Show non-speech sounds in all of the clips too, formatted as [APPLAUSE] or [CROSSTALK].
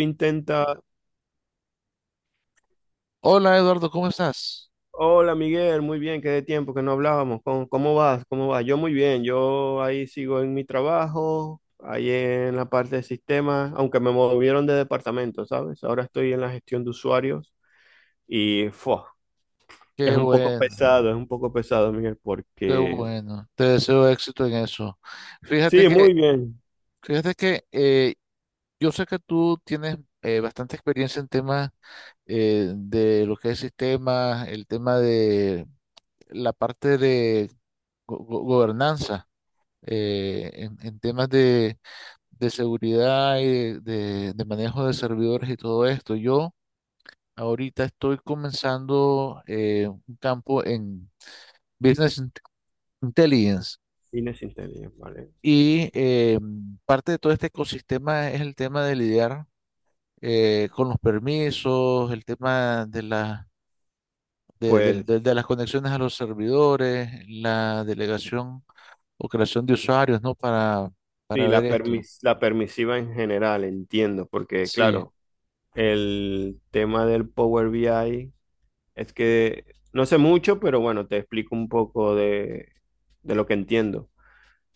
intenta, Hola Eduardo, ¿cómo estás? Hola Miguel, muy bien, qué de tiempo que no hablábamos, ¿cómo vas? ¿Cómo vas? Yo muy bien, yo ahí sigo en mi trabajo, ahí en la parte de sistemas, aunque me movieron de departamento, ¿sabes? Ahora estoy en la gestión de usuarios y ¡fua! es Qué un poco bueno, pesado, es un poco pesado, Miguel, qué porque bueno. Te deseo éxito en eso. Fíjate sí, que, muy bien. fíjate que yo sé que tú tienes bastante experiencia en temas de lo que es sistemas, el tema de la parte de gobernanza, en temas de seguridad y de, de manejo de servidores y todo esto. Yo ahorita estoy comenzando un campo en business. Intelligence. Inés Intelligence, ¿vale? Y parte de todo este ecosistema es el tema de lidiar con los permisos, el tema de, la, Pues de las conexiones a los servidores, la delegación o creación de usuarios, ¿no? Para sí, ver la esto. permis- la permisiva en general, entiendo, porque Sí. claro, el tema del Power BI. Es que no sé mucho, pero bueno, te explico un poco de lo que entiendo.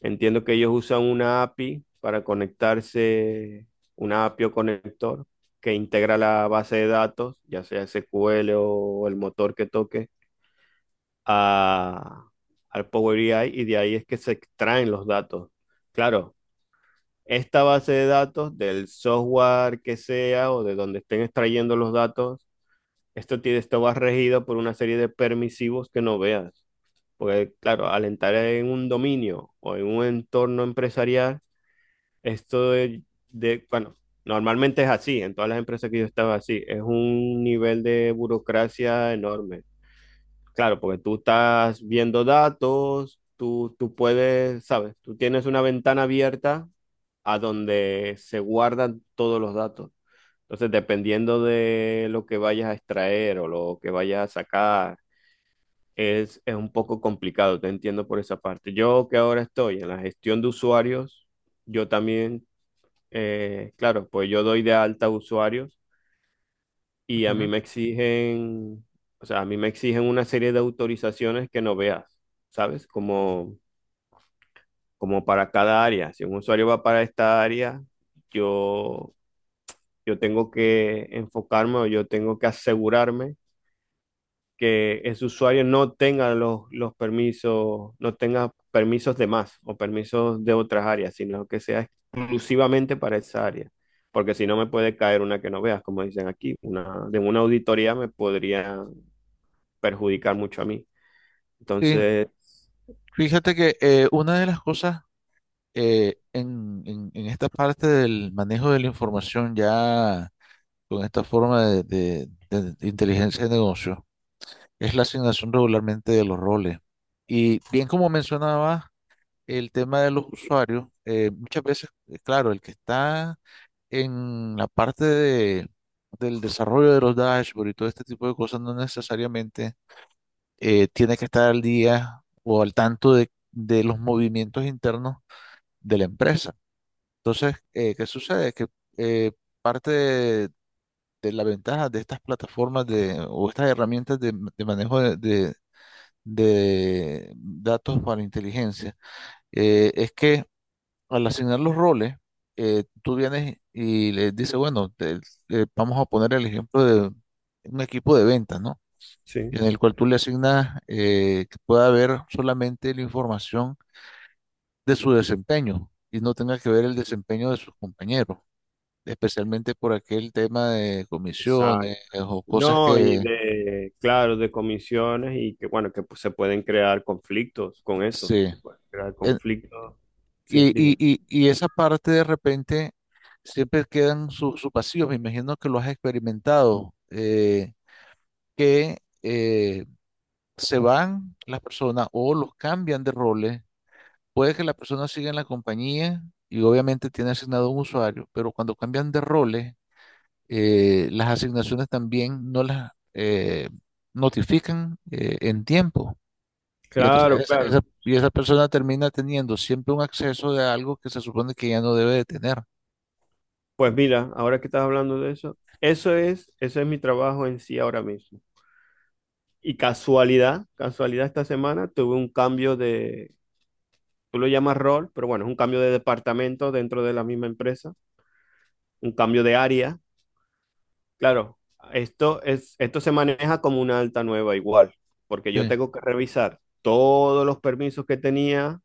Entiendo que ellos usan una API para conectarse, una API o conector que integra la base de datos, ya sea SQL o el motor que toque, a, al Power BI, y de ahí es que se extraen los datos. Claro, esta base de datos del software que sea o de donde estén extrayendo los datos, esto tiene, esto va regido por una serie de permisivos que no veas. Porque, claro, alentar en un dominio o en un entorno empresarial, esto de, bueno, normalmente es así, en todas las empresas que yo estaba así, es un nivel de burocracia enorme. Claro, porque tú estás viendo datos, tú puedes, ¿sabes? Tú tienes una ventana abierta a donde se guardan todos los datos. Entonces, dependiendo de lo que vayas a extraer o lo que vayas a sacar, es un poco complicado, te entiendo por esa parte. Yo que ahora estoy en la gestión de usuarios, yo también, claro, pues yo doy de alta usuarios y a ujú. mí me exigen, o sea, a mí me exigen una serie de autorizaciones que no veas, ¿sabes? Como, como para cada área. Si un usuario va para esta área, yo, yo tengo que enfocarme o yo tengo que asegurarme que ese usuario no tenga los permisos, no tenga permisos de más o permisos de otras áreas, sino que sea exclusivamente para esa área. Porque si no me puede caer una que no veas, como dicen aquí, una, de una auditoría me podría perjudicar mucho a mí. Sí. Entonces, Fíjate que una de las cosas en esta parte del manejo de la información ya con esta forma de de inteligencia de negocio. Es la asignación regularmente de los roles. Y bien como mencionaba el tema de los usuarios, muchas veces, claro, el que está en la parte de, del desarrollo de los dashboards y todo este tipo de cosas no necesariamente tiene que estar al día o al tanto de los movimientos internos de la empresa. Entonces, ¿qué sucede? Que eh, parte de la ventaja de estas plataformas de, o estas herramientas de manejo de, de datos para inteligencia, es que al asignar los roles, tú vienes y le dices, bueno, vamos a poner el ejemplo de un equipo de ventas, ¿no? sí, En el cual tú le asignas que pueda ver solamente la información de su desempeño y no tenga que ver el desempeño de sus compañeros, especialmente por aquel tema de exacto. comisiones o cosas No, y que de, claro, de comisiones y que, bueno, que pues, se pueden crear conflictos con eso. se... Se pueden crear conflictos. Sí, Y, dime. Y esa parte de repente siempre quedan sus vacíos. Me imagino que lo has experimentado, que eh, se van las personas o los cambian de roles. Puede que la persona siga en la compañía y obviamente tiene asignado un usuario, pero cuando cambian de roles, las asignaciones también no las notifican en tiempo. Y entonces Claro, esa, claro. y esa persona termina teniendo siempre un acceso de algo que se supone que ya no debe de tener. Pues mira, ahora que estás hablando de eso, eso es mi trabajo en sí ahora mismo. Y casualidad, casualidad esta semana tuve un cambio de, tú lo llamas rol, pero bueno, es un cambio de departamento dentro de la misma empresa, un cambio de área. Claro, esto se maneja como una alta nueva igual, porque yo Sí, tengo que revisar todos los permisos que tenía.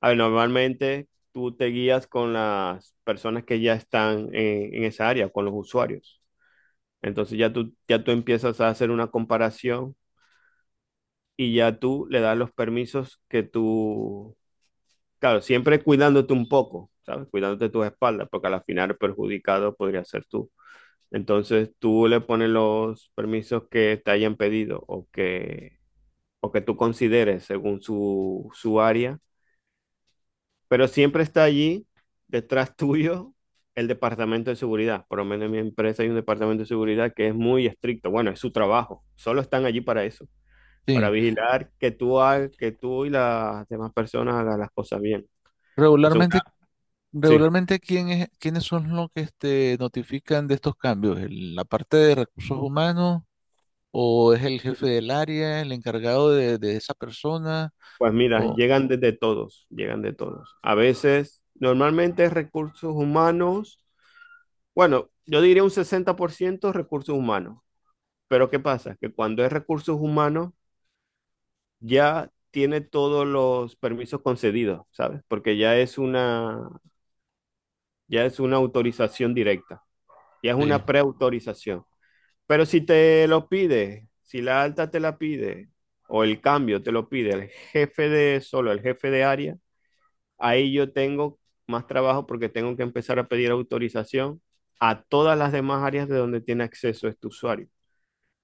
A ver, normalmente tú te guías con las personas que ya están en esa área, con los usuarios. Entonces ya tú empiezas a hacer una comparación y ya tú le das los permisos que tú, claro, siempre cuidándote un poco, ¿sabes? Cuidándote tus espaldas, porque al final el perjudicado podría ser tú. Entonces tú le pones los permisos que te hayan pedido o que tú consideres según su, su área, pero siempre está allí detrás [LAUGHS] tuyo el departamento de seguridad. Por lo menos en mi empresa hay un departamento de seguridad que es muy estricto. Bueno, es su trabajo. Solo están allí para eso, para sí. vigilar que tú, que tú y las demás personas hagan las cosas bien. Entonces, Regularmente, una... Sí, regularmente ¿quiénes son los que este, notifican de estos cambios? ¿La parte de recursos humanos o es el jefe del área, el encargado de esa persona? pues mira, O, llegan desde todos, llegan de todos. A veces, normalmente recursos humanos, bueno, yo diría un 60% recursos humanos, pero ¿qué pasa? Que cuando es recursos humanos, ya tiene todos los permisos concedidos, ¿sabes? Porque ya es una autorización directa, ya es sí, una preautorización. Pero si te lo pide, si la alta te la pide, o el cambio te lo pide el jefe de solo, el jefe de área, ahí yo tengo más trabajo porque tengo que empezar a pedir autorización a todas las demás áreas de donde tiene acceso este usuario.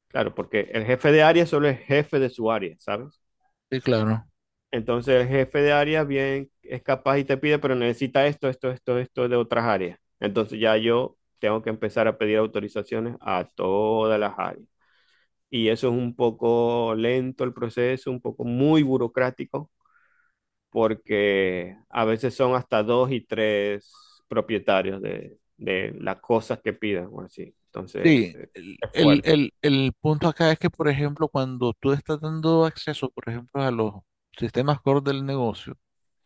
Claro, porque el jefe de área solo es jefe de su área, ¿sabes? sí, claro. Entonces el jefe de área bien es capaz y te pide, pero necesita esto, esto, esto, esto de otras áreas. Entonces ya yo tengo que empezar a pedir autorizaciones a todas las áreas. Y eso es un poco lento el proceso, un poco muy burocrático, porque a veces son hasta dos y tres propietarios de las cosas que pidan, o así. Entonces, Sí, es fuerte. El punto acá es que, por ejemplo, cuando tú estás dando acceso, por ejemplo, a los sistemas core del negocio,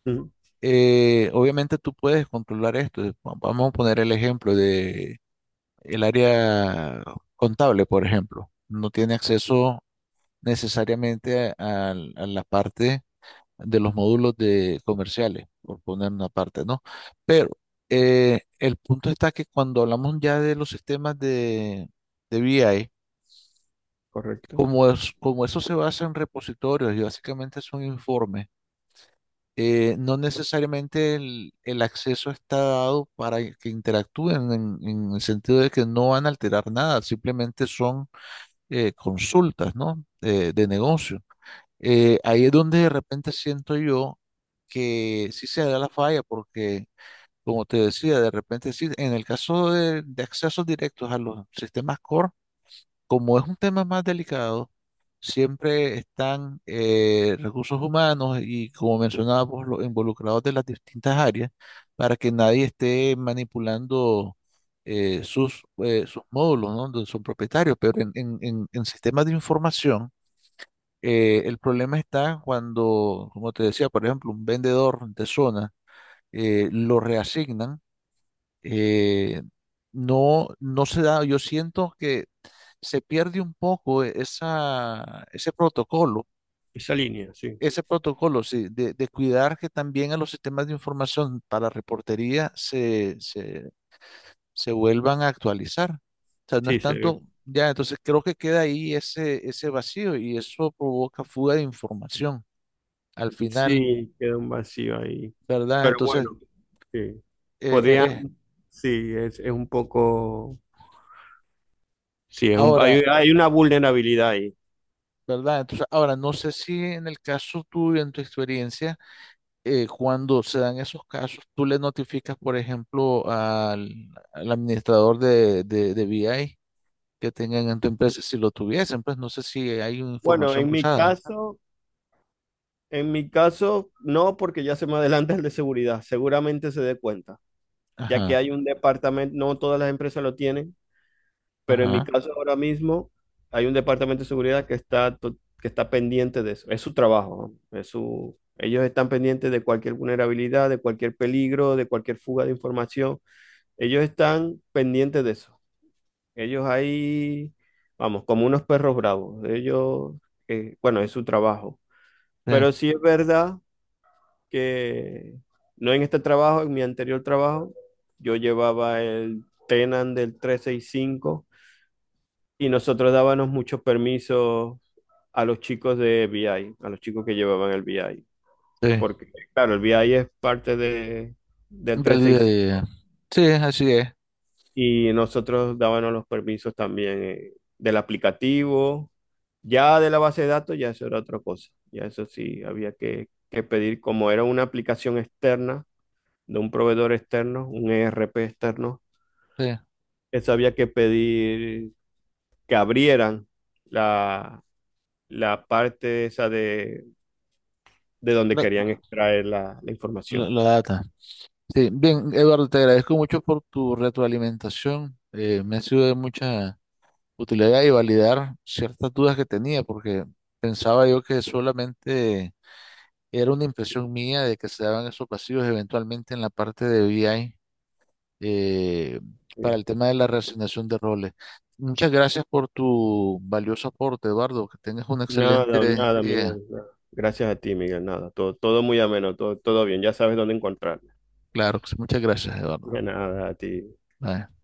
Ujú, obviamente tú puedes controlar esto. Vamos a poner el ejemplo el área contable, por ejemplo. No tiene acceso necesariamente a, la parte de los módulos de comerciales, por poner una parte, ¿no? Pero el punto está que cuando hablamos ya de los sistemas de BI, correcto. como, es, como eso se basa en repositorios y básicamente es un informe, no necesariamente el acceso está dado para que interactúen en el sentido de que no van a alterar nada, simplemente son consultas, ¿no? De negocio. Ahí es donde de repente siento yo que sí se da la falla, porque, como te decía, de repente sí, en el caso de accesos directos a los sistemas core, como es un tema más delicado, siempre están recursos humanos y, como mencionábamos, los involucrados de las distintas áreas para que nadie esté manipulando sus módulos, ¿no? Donde son propietarios, pero en sistemas de información, el problema está cuando, como te decía, por ejemplo, un vendedor de zona lo reasignan eh, no, no se da, yo siento que se pierde un poco esa, Esa línea, sí. ese protocolo, sí, de cuidar que también a los sistemas de información para reportería se, se, se vuelvan a actualizar. O sea, no es Sí, tanto, ya, entonces creo que queda ahí ese, ese vacío y eso provoca fuga de información al final, sí, queda un vacío ahí. ¿verdad? Pero Entonces, bueno, sí. eh, eh, Podrían, eh, sí, es un poco, sí, es un, ahora, hay una vulnerabilidad ahí. ¿verdad? Entonces, ahora, no sé si en el caso tuyo, en tu experiencia, cuando se dan esos casos, tú le notificas, por ejemplo, al, al administrador de BI que tengan en tu empresa, si lo tuviesen, pues no sé si hay una Bueno, información en mi cruzada. caso... En mi caso, no, porque ya se me adelanta el de seguridad. Seguramente se dé cuenta, ya que Ajá, hay un departamento, no todas las empresas lo tienen, pero en mi ajá, caso ahora mismo hay un departamento de seguridad que está, que está pendiente de eso. Es su trabajo, ¿no? Es su, ellos están pendientes de cualquier vulnerabilidad, de cualquier peligro, de cualquier fuga de información. Ellos están pendientes de eso. Ellos ahí, vamos, como unos perros bravos. Ellos, bueno, es su trabajo. sí, Pero sí es verdad que no en este trabajo, en mi anterior trabajo, yo llevaba el Tenan del 365 y cinco y nosotros dábamos muchos permisos a los chicos de BI, a los chicos que llevaban el BI. sí, Porque, claro, el BI es parte de, del del día a día. 365 y cinco Sí, así es, y nosotros dábamos los permisos también del aplicativo. Ya de la base de datos, ya eso era otra cosa. Ya eso sí, había que pedir, como era una aplicación externa, de un proveedor externo, un ERP externo, sí, eso había que pedir que abrieran la, la parte esa de donde querían la, extraer la, la información. la data. Sí, bien, Eduardo, te agradezco mucho por tu retroalimentación. Me ha sido de mucha utilidad y validar ciertas dudas que tenía, porque pensaba yo que solamente era una impresión mía de que se daban esos vacíos eventualmente en la parte de BI eh, para Sí. el tema de la reasignación de roles. Muchas gracias por tu valioso aporte, Eduardo. Que tengas un Nada, excelente nada, día. Miguel. Nada. Gracias a ti, Miguel. Nada, todo, todo muy ameno, todo, todo bien. Ya sabes dónde encontrarme. Claro, que sí, muchas gracias, Eduardo. De nada, a ti. Bye.